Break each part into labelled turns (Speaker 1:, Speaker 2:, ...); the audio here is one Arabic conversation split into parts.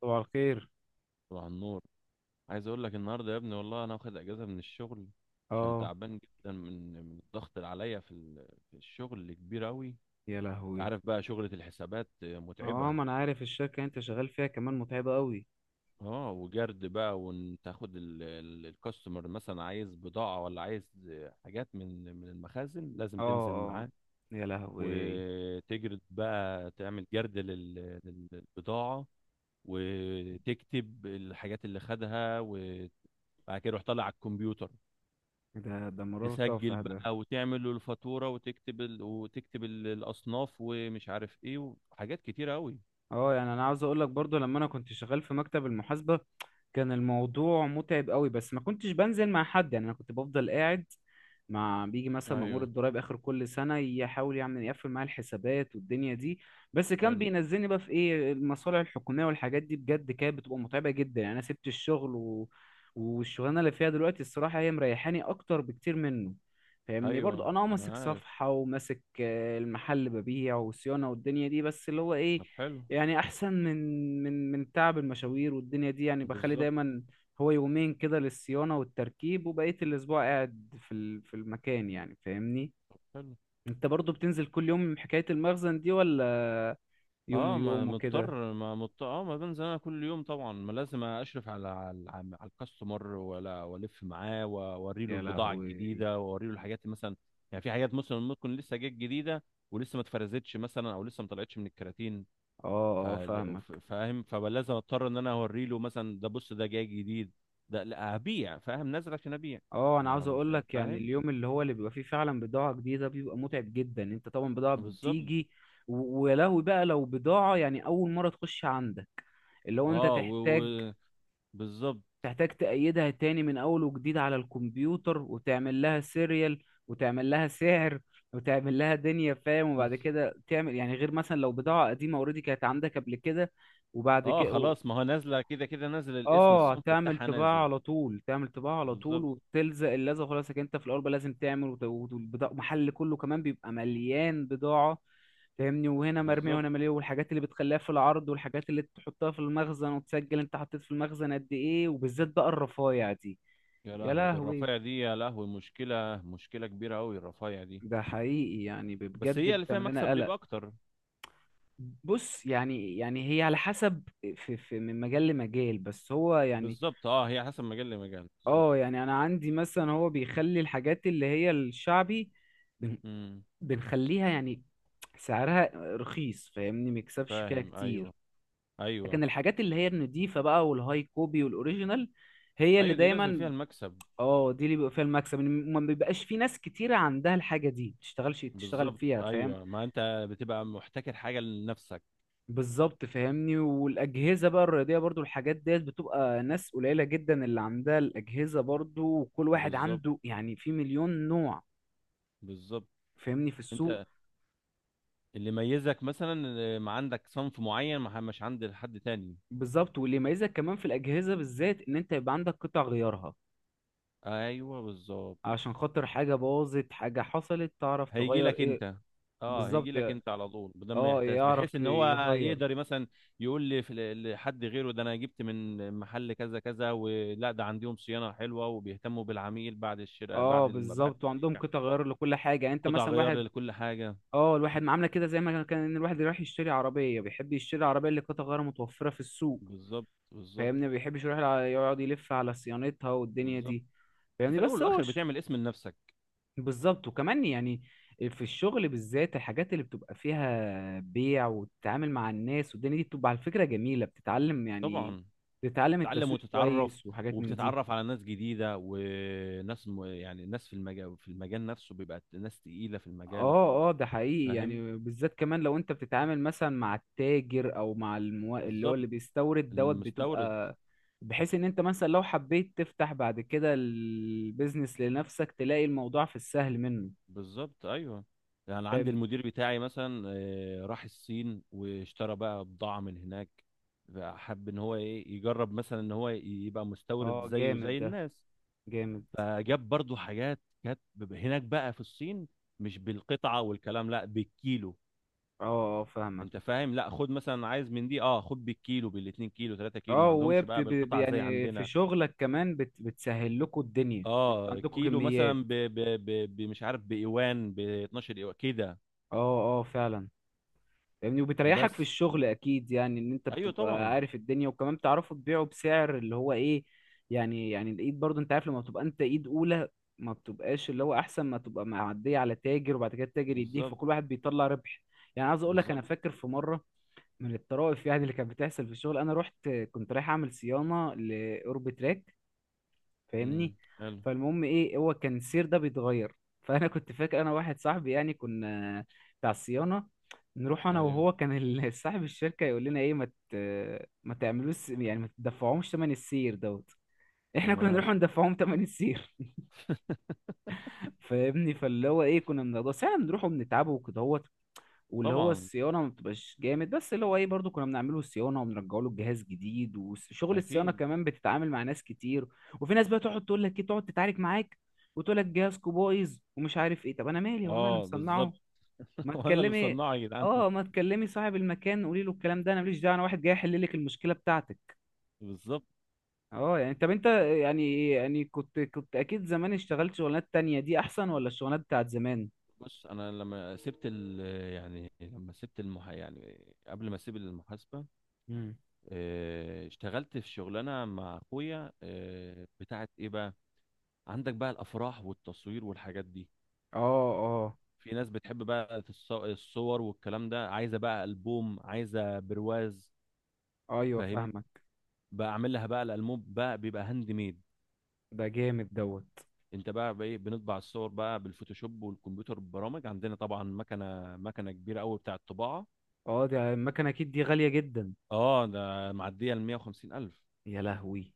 Speaker 1: صباح الخير.
Speaker 2: طبعا النور. عايز اقول لك النهارده يا ابني، والله انا واخد اجازه من الشغل عشان
Speaker 1: اه.
Speaker 2: تعبان جدا من الضغط اللي عليا في في الشغل اللي كبير قوي. انت
Speaker 1: يا لهوي.
Speaker 2: عارف بقى شغلة الحسابات
Speaker 1: اه،
Speaker 2: متعبة.
Speaker 1: ما انا عارف الشركة اللي انت شغال فيها كمان متعبة قوي.
Speaker 2: اه، وجرد بقى، وتاخد الكاستمر مثلا عايز بضاعة ولا عايز حاجات من المخازن لازم
Speaker 1: اه،
Speaker 2: تنزل
Speaker 1: اه.
Speaker 2: معاه،
Speaker 1: يا لهوي.
Speaker 2: وتجرد بقى، تعمل جرد للبضاعة، وتكتب الحاجات اللي خدها، وبعد كده يروح طالع على الكمبيوتر،
Speaker 1: ده مرار
Speaker 2: تسجل
Speaker 1: طافح ده.
Speaker 2: بقى وتعمل له الفاتورة، وتكتب وتكتب الأصناف ومش عارف إيه، وحاجات كتيرة أوي.
Speaker 1: اه، يعني انا عاوز اقول لك برضو لما انا كنت شغال في مكتب المحاسبة كان الموضوع متعب قوي، بس ما كنتش بنزل مع حد، يعني انا كنت بفضل قاعد مع بيجي مثلا مأمور
Speaker 2: أيوه.
Speaker 1: الضرايب اخر كل سنة يحاول يعمل يقفل معايا الحسابات والدنيا دي. بس كان
Speaker 2: حلو.
Speaker 1: بينزلني بقى في ايه المصالح الحكومية والحاجات دي، بجد كانت بتبقى متعبة جدا. يعني انا سبت الشغل والشغلانة اللي فيها دلوقتي الصراحة هي مريحاني اكتر بكتير منه. فاهمني؟ برضو
Speaker 2: أيوه،
Speaker 1: انا اه
Speaker 2: ما
Speaker 1: ماسك
Speaker 2: أنا عارف.
Speaker 1: صفحة وماسك المحل، ببيع وصيانة والدنيا دي، بس اللي هو ايه،
Speaker 2: طب حلو.
Speaker 1: يعني احسن من تعب المشاوير والدنيا دي. يعني بخلي
Speaker 2: بالظبط.
Speaker 1: دايما هو يومين كده للصيانة والتركيب، وبقية الاسبوع قاعد في المكان، يعني فاهمني.
Speaker 2: حلو.
Speaker 1: انت برضو بتنزل كل يوم حكاية المخزن دي ولا يوم
Speaker 2: اه، ما
Speaker 1: ويوم وكده؟
Speaker 2: مضطر، ما مضطر. اه، ما بنزل انا كل يوم طبعا. ما لازم اشرف على الكاستمر، ولا والف معاه واوري له
Speaker 1: يا
Speaker 2: البضاعه
Speaker 1: لهوي.
Speaker 2: الجديده، واوري له الحاجات مثلا. يعني في حاجات مثلا ممكن لسه جت جديده، ولسه ما اتفرزتش مثلا، او لسه ما طلعتش من الكراتين.
Speaker 1: اه،
Speaker 2: ف-
Speaker 1: اه، فاهمك.
Speaker 2: فاهم، فلازم اضطر ان انا اوري له مثلا، ده بص ده جاي جديد، ده لا هبيع. فاهم، نازل عشان ابيع.
Speaker 1: اه، انا
Speaker 2: ما
Speaker 1: عاوز
Speaker 2: مش
Speaker 1: اقول لك، يعني
Speaker 2: فاهم.
Speaker 1: اليوم اللي هو اللي بيبقى فيه فعلا بضاعة جديدة بيبقى متعب جدا. انت طبعا بضاعة
Speaker 2: بالظبط.
Speaker 1: بتيجي، ويا لهوي بقى لو بضاعة يعني اول مرة تخش عندك، اللي هو انت
Speaker 2: اه،
Speaker 1: تحتاج
Speaker 2: و... بالظبط.
Speaker 1: تحتاج تأيدها تاني من اول وجديد على الكمبيوتر، وتعمل لها سيريال، وتعمل لها سعر، وتعمل لها دنيا فاهم. وبعد كده تعمل، يعني غير مثلا لو بضاعة قديمة اوريدي كانت عندك قبل كده، وبعد
Speaker 2: اه،
Speaker 1: كده
Speaker 2: خلاص، ما هو نازله كده. كده نازل الاسم،
Speaker 1: اه
Speaker 2: الصنف
Speaker 1: تعمل
Speaker 2: بتاعها
Speaker 1: طباعة
Speaker 2: نازل.
Speaker 1: على طول، تعمل طباعة على طول،
Speaker 2: بالظبط،
Speaker 1: وبتلزق اللزقة خلاص. انت في الأول بقى لازم تعمل والبضاعة. المحل كله كمان بيبقى مليان بضاعة، فاهمني؟ وهنا مرمية
Speaker 2: بالظبط.
Speaker 1: وهنا مليان، والحاجات اللي بتخليها في العرض، والحاجات اللي تحطها في المخزن، وتسجل انت حطيت في المخزن قد ايه، وبالذات بقى الرفايع دي.
Speaker 2: يا
Speaker 1: يا
Speaker 2: لهوي، ده
Speaker 1: لهوي.
Speaker 2: الرفايع دي يا لهوي، مشكله كبيره قوي الرفايع دي.
Speaker 1: ده حقيقي، يعني
Speaker 2: بس
Speaker 1: بجد
Speaker 2: هي اللي فيها
Speaker 1: بتعمل
Speaker 2: مكسب
Speaker 1: لنا قلق.
Speaker 2: بيبقى اكتر.
Speaker 1: بص، يعني يعني هي على حسب، في من مجال لمجال، بس هو يعني
Speaker 2: بالظبط، اه، هي حسب مجال لمجال، بالظبط.
Speaker 1: اه. يعني انا عندي مثلا هو بيخلي الحاجات اللي هي الشعبي، بن-
Speaker 2: امم.
Speaker 1: بنخليها يعني سعرها رخيص، فاهمني، ميكسبش فيها
Speaker 2: فاهم،
Speaker 1: كتير.
Speaker 2: ايوه. ايوه.
Speaker 1: لكن الحاجات اللي هي النضيفة بقى، والهاي كوبي والاوريجينال، هي اللي
Speaker 2: ايوه، دي لازم
Speaker 1: دايما
Speaker 2: فيها المكسب.
Speaker 1: اه، دي اللي بيبقى فيها المكسب. إن ما بيبقاش في ناس كتيرة عندها الحاجة دي تشتغلش تشتغل
Speaker 2: بالظبط،
Speaker 1: فيها، فاهم؟
Speaker 2: ايوه، ما انت بتبقى محتكر حاجه لنفسك.
Speaker 1: بالظبط فاهمني. والاجهزه بقى الرياضيه برضو، الحاجات ديت بتبقى ناس قليله جدا اللي عندها الاجهزه برضو، وكل واحد
Speaker 2: بالظبط،
Speaker 1: عنده يعني في مليون نوع،
Speaker 2: بالظبط.
Speaker 1: فاهمني، في السوق.
Speaker 2: انت اللي يميزك مثلا إن ما عندك صنف معين ما مش عند حد تاني.
Speaker 1: بالظبط، واللي يميزك كمان في الاجهزه بالذات ان انت يبقى عندك قطع غيارها،
Speaker 2: ايوه بالظبط.
Speaker 1: عشان خاطر حاجه باظت، حاجه حصلت، تعرف
Speaker 2: هيجي
Speaker 1: تغير
Speaker 2: لك
Speaker 1: ايه.
Speaker 2: انت. اه، هيجي
Speaker 1: بالظبط،
Speaker 2: لك انت على طول بدل ما
Speaker 1: اه
Speaker 2: يحتاس، بحيث
Speaker 1: يعرف
Speaker 2: ان هو
Speaker 1: يغير.
Speaker 2: يقدر مثلا يقول لي لحد غيره، ده انا جبت من محل كذا كذا، ولا ده عندهم صيانه حلوه وبيهتموا بالعميل بعد الشراء،
Speaker 1: اه
Speaker 2: بعد بعد
Speaker 1: بالظبط، وعندهم
Speaker 2: البيع.
Speaker 1: قطع غيار لكل حاجه. يعني انت
Speaker 2: قطع
Speaker 1: مثلا
Speaker 2: غيار
Speaker 1: واحد
Speaker 2: لكل حاجه.
Speaker 1: اه، الواحد معامله كده زي ما كان، ان الواحد رايح يشتري عربيه بيحب يشتري عربيه اللي قطع غيارها متوفره في السوق،
Speaker 2: بالظبط، بالظبط،
Speaker 1: فاهمني، ما بيحبش يروح يقعد يلف على صيانتها والدنيا
Speaker 2: بالظبط.
Speaker 1: دي،
Speaker 2: انت في
Speaker 1: فاهمني.
Speaker 2: الاول
Speaker 1: بس هو
Speaker 2: والاخر بتعمل اسم لنفسك.
Speaker 1: بالظبط. وكمان يعني في الشغل بالذات الحاجات اللي بتبقى فيها بيع، وتتعامل مع الناس والدنيا دي، بتبقى على فكرة جميلة، بتتعلم يعني،
Speaker 2: طبعا.
Speaker 1: بتتعلم
Speaker 2: تتعلم
Speaker 1: التسويق
Speaker 2: وتتعرف،
Speaker 1: كويس وحاجات من دي.
Speaker 2: وبتتعرف على ناس جديده، وناس يعني ناس في المجال، في المجال نفسه بيبقى ناس تقيله في المجال.
Speaker 1: اه، اه، ده حقيقي،
Speaker 2: فاهم.
Speaker 1: يعني بالذات كمان لو انت بتتعامل مثلا مع التاجر، او مع اللي هو
Speaker 2: بالظبط،
Speaker 1: اللي بيستورد دوت،
Speaker 2: المستورد.
Speaker 1: بتبقى بحيث ان انت مثلا لو حبيت تفتح بعد كده البيزنس لنفسك، تلاقي الموضوع في السهل منه
Speaker 2: بالظبط، ايوه. يعني عندي
Speaker 1: فاهم.
Speaker 2: المدير بتاعي مثلا راح الصين واشترى بقى بضاعه من هناك. بقى حب ان هو ايه، يجرب مثلا ان هو يبقى
Speaker 1: اه
Speaker 2: مستورد زيه
Speaker 1: جامد
Speaker 2: زي
Speaker 1: ده،
Speaker 2: الناس.
Speaker 1: جامد.
Speaker 2: فجاب برضو حاجات كانت هناك بقى في الصين، مش بالقطعة والكلام، لا، بالكيلو.
Speaker 1: اه، اه فاهمك.
Speaker 2: انت فاهم، لا خد مثلا، عايز من دي، اه خد بالكيلو، بالاتنين كيلو، تلاتة كيلو. ما
Speaker 1: اه، وهي
Speaker 2: عندهمش بقى بالقطع زي
Speaker 1: يعني في
Speaker 2: عندنا.
Speaker 1: شغلك كمان بتسهل لكم الدنيا. انتوا
Speaker 2: اه،
Speaker 1: عندكم
Speaker 2: كيلو
Speaker 1: كميات.
Speaker 2: مثلا مش عارف بإيوان، ب 12 إيوان كده.
Speaker 1: اه، اه فعلا. يعني وبتريحك
Speaker 2: بس
Speaker 1: في الشغل اكيد، يعني ان انت
Speaker 2: ايوه
Speaker 1: بتبقى
Speaker 2: طبعا.
Speaker 1: عارف الدنيا، وكمان بتعرفوا تبيعوا بسعر اللي هو ايه، يعني يعني الايد، برضو انت عارف لما بتبقى انت ايد اولى، ما بتبقاش اللي هو، احسن ما تبقى معدية على تاجر وبعد كده التاجر يديه،
Speaker 2: بالظبط،
Speaker 1: فكل واحد بيطلع ربح. يعني عايز اقول لك انا
Speaker 2: بالظبط.
Speaker 1: فاكر في مرة من الطرائف يعني اللي كانت بتحصل في الشغل، انا رحت، كنت رايح اعمل صيانة لأوربتراك،
Speaker 2: امم،
Speaker 1: فاهمني.
Speaker 2: حلو.
Speaker 1: فالمهم ايه، هو كان السير ده بيتغير فانا كنت فاكر، انا واحد صاحبي يعني كنا بتاع الصيانه، نروح انا
Speaker 2: ايوه.
Speaker 1: وهو، كان صاحب الشركه يقول لنا ايه، ت... ما تعملوش يعني، ما تدفعهمش ثمن السير دوت. احنا كنا
Speaker 2: تمام.
Speaker 1: نروح ندفعهم ثمن السير. فاهمني. فاللي هو ايه، كنا بنقضي بس احنا، بنروح وبنتعبه وكده، واللي هو
Speaker 2: طبعا.
Speaker 1: الصيانه ما بتبقاش جامد، بس اللي هو ايه، برضو كنا بنعمله الصيانه وبنرجعه له الجهاز جديد. وشغل الصيانه
Speaker 2: اكيد.
Speaker 1: كمان بتتعامل مع ناس كتير، وفي ناس بقى تقعد تقول لك ايه، تقعد تتعارك معاك وتقول لك جهازكو بايظ ومش عارف ايه. طب انا مالي، هو انا اللي
Speaker 2: اه، بالظبط.
Speaker 1: مصنعه؟ ما
Speaker 2: وانا اللي
Speaker 1: تكلمي،
Speaker 2: مصنعه يا جدعان.
Speaker 1: اه ما تكلمي صاحب المكان، قولي له الكلام ده، انا ماليش دعوه، انا واحد جاي يحل لك المشكله بتاعتك.
Speaker 2: بالظبط.
Speaker 1: اه يعني، طب انت، يعني يعني كنت اكيد زمان اشتغلت شغلانات تانية، دي احسن ولا الشغلانات بتاعت زمان؟
Speaker 2: بص انا لما سبت ال يعني لما سبت المح يعني قبل ما اسيب المحاسبه،
Speaker 1: امم.
Speaker 2: اشتغلت في شغلانه مع اخويا، بتاعت ايه بقى، عندك بقى الافراح والتصوير والحاجات دي.
Speaker 1: اه، اه
Speaker 2: في ناس بتحب بقى الصور والكلام ده، عايزه بقى البوم، عايزه برواز.
Speaker 1: ايوه
Speaker 2: فاهم.
Speaker 1: فاهمك.
Speaker 2: بقى اعمل لها بقى الالبوم، بقى بيبقى هاند ميد.
Speaker 1: ده جامد دوت.
Speaker 2: انت بقى بايه، بنطبع الصور بقى بالفوتوشوب والكمبيوتر، ببرامج عندنا طبعا، مكنه كبيره قوي بتاعه طباعه.
Speaker 1: اه دي المكنة اكيد دي غالية جدا.
Speaker 2: اه، ده معديه ال 150 الف.
Speaker 1: يا لهوي.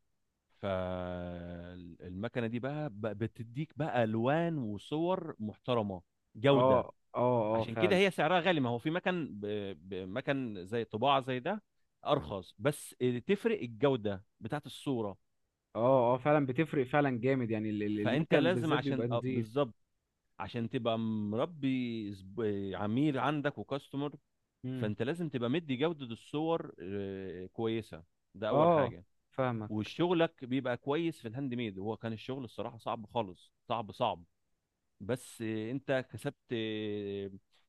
Speaker 2: فالمكنه دي بقى بتديك بقى الوان وصور محترمه، جوده.
Speaker 1: اه، اه، اه
Speaker 2: عشان كده
Speaker 1: فعلا.
Speaker 2: هي سعرها غالي، ما هو في مكن مكن زي طباعه زي ده ارخص، بس تفرق الجوده بتاعت الصوره.
Speaker 1: اه، اه فعلا، بتفرق فعلا جامد. يعني
Speaker 2: فانت
Speaker 1: المكن
Speaker 2: لازم
Speaker 1: بالذات
Speaker 2: عشان
Speaker 1: بيبقى نضيف.
Speaker 2: بالظبط، عشان تبقى مربي عميل عندك وكاستمر.
Speaker 1: مم.
Speaker 2: فانت لازم تبقى مدي جوده الصور كويسه، ده اول
Speaker 1: اه
Speaker 2: حاجه.
Speaker 1: فاهمك.
Speaker 2: وشغلك بيبقى كويس في الهاند ميد. هو كان الشغل الصراحة صعب خالص، صعب، بس انت كسبت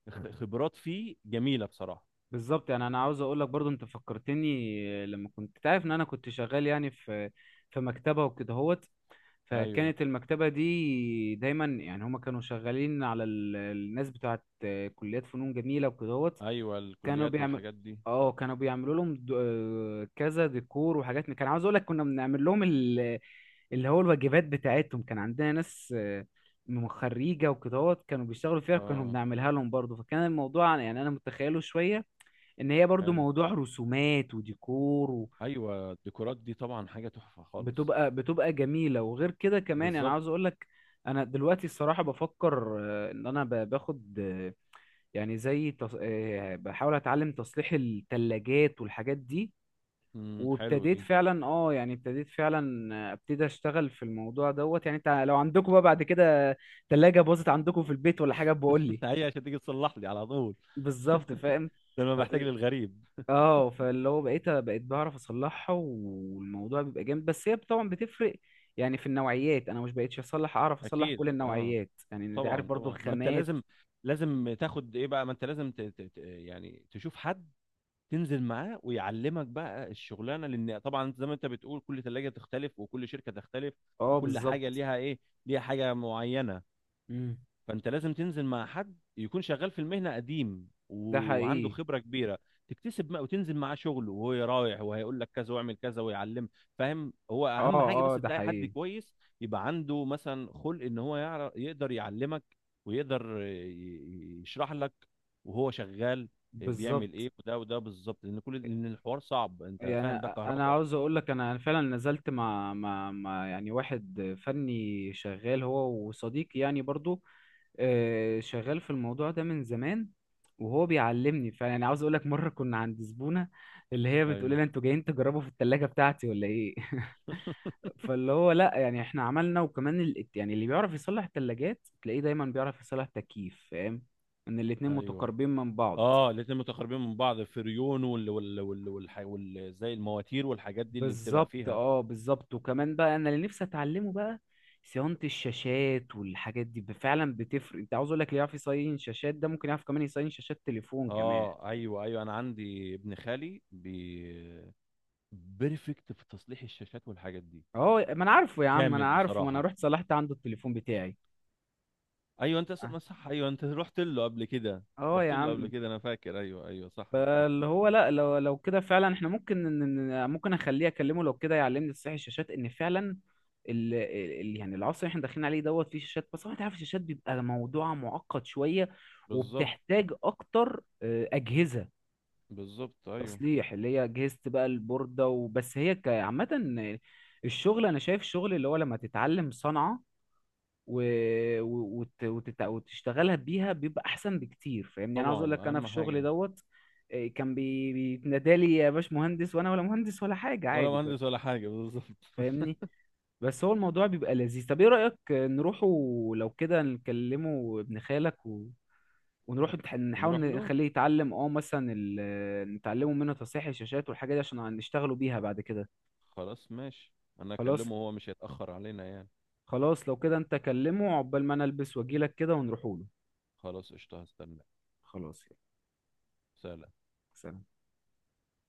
Speaker 2: خبرات فيه جميلة بصراحة.
Speaker 1: بالظبط. يعني انا عاوز اقول لك برضو، انت فكرتني لما كنت تعرف ان انا كنت شغال يعني في في مكتبة وكده.
Speaker 2: ايوه،
Speaker 1: فكانت المكتبة دي دايما يعني هما كانوا شغالين على الناس بتاعت كليات فنون جميلة وكدهوت.
Speaker 2: ايوه
Speaker 1: كانوا
Speaker 2: الكليات
Speaker 1: بيعمل
Speaker 2: والحاجات دي.
Speaker 1: اه، كانوا بيعملوا لهم كذا ديكور وحاجات كان عاوز اقول لك كنا بنعمل لهم اللي هو الواجبات بتاعتهم. كان عندنا ناس من خريجة وكدهوت كانوا بيشتغلوا فيها، كانوا
Speaker 2: اه،
Speaker 1: بنعملها لهم برضه. فكان الموضوع يعني انا متخيله شوية ان هي برضه
Speaker 2: حلو،
Speaker 1: موضوع رسومات وديكور،
Speaker 2: ايوه، الديكورات دي طبعا حاجه تحفه خالص.
Speaker 1: بتبقى بتبقى جميلة. وغير كده كمان انا
Speaker 2: بالظبط.
Speaker 1: عاوز اقول لك، انا دلوقتي الصراحة بفكر ان انا باخد يعني زي تص... آه، بحاول اتعلم تصليح الثلاجات والحاجات دي.
Speaker 2: امم، حلو
Speaker 1: وابتديت
Speaker 2: دي.
Speaker 1: فعلا اه، يعني ابتديت فعلا ابتدي اشتغل في الموضوع دوت. يعني انت لو عندكم بقى بعد كده ثلاجة باظت عندكم في البيت ولا حاجة بقول لي.
Speaker 2: هي عشان تيجي تصلح لي على طول.
Speaker 1: بالظبط فاهم.
Speaker 2: ده انا بحتاج للغريب.
Speaker 1: اه، فاللي هو بقيت بعرف اصلحها، والموضوع بيبقى جامد. بس هي طبعا بتفرق يعني في النوعيات، انا مش بقيتش اصلح، اعرف اصلح
Speaker 2: اكيد،
Speaker 1: كل
Speaker 2: اه،
Speaker 1: النوعيات يعني، انت عارف
Speaker 2: طبعا،
Speaker 1: برضو
Speaker 2: طبعا، ما انت
Speaker 1: الخامات.
Speaker 2: لازم، لازم تاخد ايه بقى. ما انت لازم يعني تشوف حد تنزل معاه ويعلمك بقى الشغلانه، لان طبعا انت زي ما انت بتقول، كل ثلاجه تختلف وكل شركه تختلف،
Speaker 1: اه
Speaker 2: وكل حاجه
Speaker 1: بالظبط.
Speaker 2: ليها ايه، ليها حاجه معينه.
Speaker 1: مم.
Speaker 2: فانت لازم تنزل مع حد يكون شغال في المهنه قديم
Speaker 1: ده
Speaker 2: وعنده
Speaker 1: حقيقي.
Speaker 2: خبره كبيره، تكتسب ما وتنزل معاه شغل، وهو رايح وهيقول لك كذا واعمل كذا ويعلم. فاهم، هو
Speaker 1: اه،
Speaker 2: اهم حاجه بس
Speaker 1: اه ده
Speaker 2: تلاقي حد
Speaker 1: حقيقي.
Speaker 2: كويس، يبقى عنده مثلا خلق ان هو يعرف يقدر يعلمك، ويقدر يشرح لك وهو شغال بيعمل
Speaker 1: بالظبط.
Speaker 2: ايه. وده بالظبط، لان كل، لان الحوار صعب، انت
Speaker 1: يعني
Speaker 2: فاهم، ده
Speaker 1: انا
Speaker 2: كهرباء.
Speaker 1: عاوز اقول لك، انا فعلا نزلت مع يعني واحد فني شغال، هو وصديقي يعني برضو شغال في الموضوع ده من زمان، وهو بيعلمني فعلا. يعني عاوز اقول لك مره كنا عند زبونه، اللي هي بتقول
Speaker 2: ايوه.
Speaker 1: لنا انتوا جايين تجربوا في الثلاجه بتاعتي ولا ايه؟ فاللي هو لا، يعني احنا عملنا. وكمان يعني اللي بيعرف يصلح ثلاجات تلاقيه دايما بيعرف يصلح تكييف، فاهم، ان الاتنين
Speaker 2: ايوه،
Speaker 1: متقاربين من بعض.
Speaker 2: اه، الاتنين متقاربين من بعض، فريون وال وال زي المواتير والحاجات دي اللي بتبقى
Speaker 1: بالظبط،
Speaker 2: فيها.
Speaker 1: اه بالظبط. وكمان بقى انا اللي نفسي اتعلمه بقى صيانة الشاشات والحاجات دي فعلا بتفرق. انت عاوز اقول لك، اللي يعرف يصين شاشات ده ممكن يعرف كمان يصين شاشات تليفون كمان.
Speaker 2: اه، ايوه، ايوه، انا عندي ابن خالي بيرفكت في تصليح الشاشات والحاجات دي،
Speaker 1: اه ما انا عارفه يا عم، ما انا
Speaker 2: جامد
Speaker 1: عارفه، ما انا
Speaker 2: بصراحة.
Speaker 1: رحت صلحت عنده التليفون بتاعي.
Speaker 2: ايوه انت
Speaker 1: اه،
Speaker 2: ما صح، ايوه انت رحت له قبل كده.
Speaker 1: آه يا
Speaker 2: رحت له قبل
Speaker 1: عم.
Speaker 2: كده انا فاكر، ايوه، ايوه، صح،
Speaker 1: فاللي
Speaker 2: فكرت
Speaker 1: هو
Speaker 2: لي.
Speaker 1: لا، لو كده فعلا احنا ممكن ممكن اخليه اكلمه لو كده يعلمني تصحيح الشاشات، ان فعلا ال ال يعني العصر اللي احنا داخلين عليه دوت فيه شاشات. بس هو انت عارف الشاشات بيبقى موضوع معقد شويه،
Speaker 2: بالظبط،
Speaker 1: وبتحتاج اكتر اجهزه
Speaker 2: بالظبط، ايوه،
Speaker 1: تصليح، اللي هي اجهزه بقى البورده. وبس هي عامه الشغل، انا شايف شغل اللي هو لما تتعلم صنعه و... وتشتغلها بيها بيبقى احسن بكتير، فاهمني. يعني انا عاوز اقول
Speaker 2: طبعا،
Speaker 1: لك انا في
Speaker 2: اهم
Speaker 1: الشغل
Speaker 2: حاجة.
Speaker 1: دوت كان بيتنادى لي يا باش مهندس، وانا ولا مهندس ولا حاجه
Speaker 2: ولا
Speaker 1: عادي،
Speaker 2: مهندس ولا حاجة، بالظبط.
Speaker 1: فاهمني. بس هو الموضوع بيبقى لذيذ. طب ايه رايك نروحوا لو كده نكلمه ابن خالك، ونروح نحاول
Speaker 2: ونروح له.
Speaker 1: نخليه يتعلم اه مثلا نتعلمه منه تصحيح الشاشات والحاجات دي، عشان نشتغلوا بيها بعد كده.
Speaker 2: خلاص ماشي، انا
Speaker 1: خلاص.
Speaker 2: اكلمه هو مش هيتأخر علينا يعني.
Speaker 1: خلاص لو كده انت كلمه، عقبال ما انا البس واجيلك كده ونروحوله.
Speaker 2: خلاص قشطة، هستناك.
Speaker 1: خلاص يلا.
Speaker 2: سلام.
Speaker 1: سلام.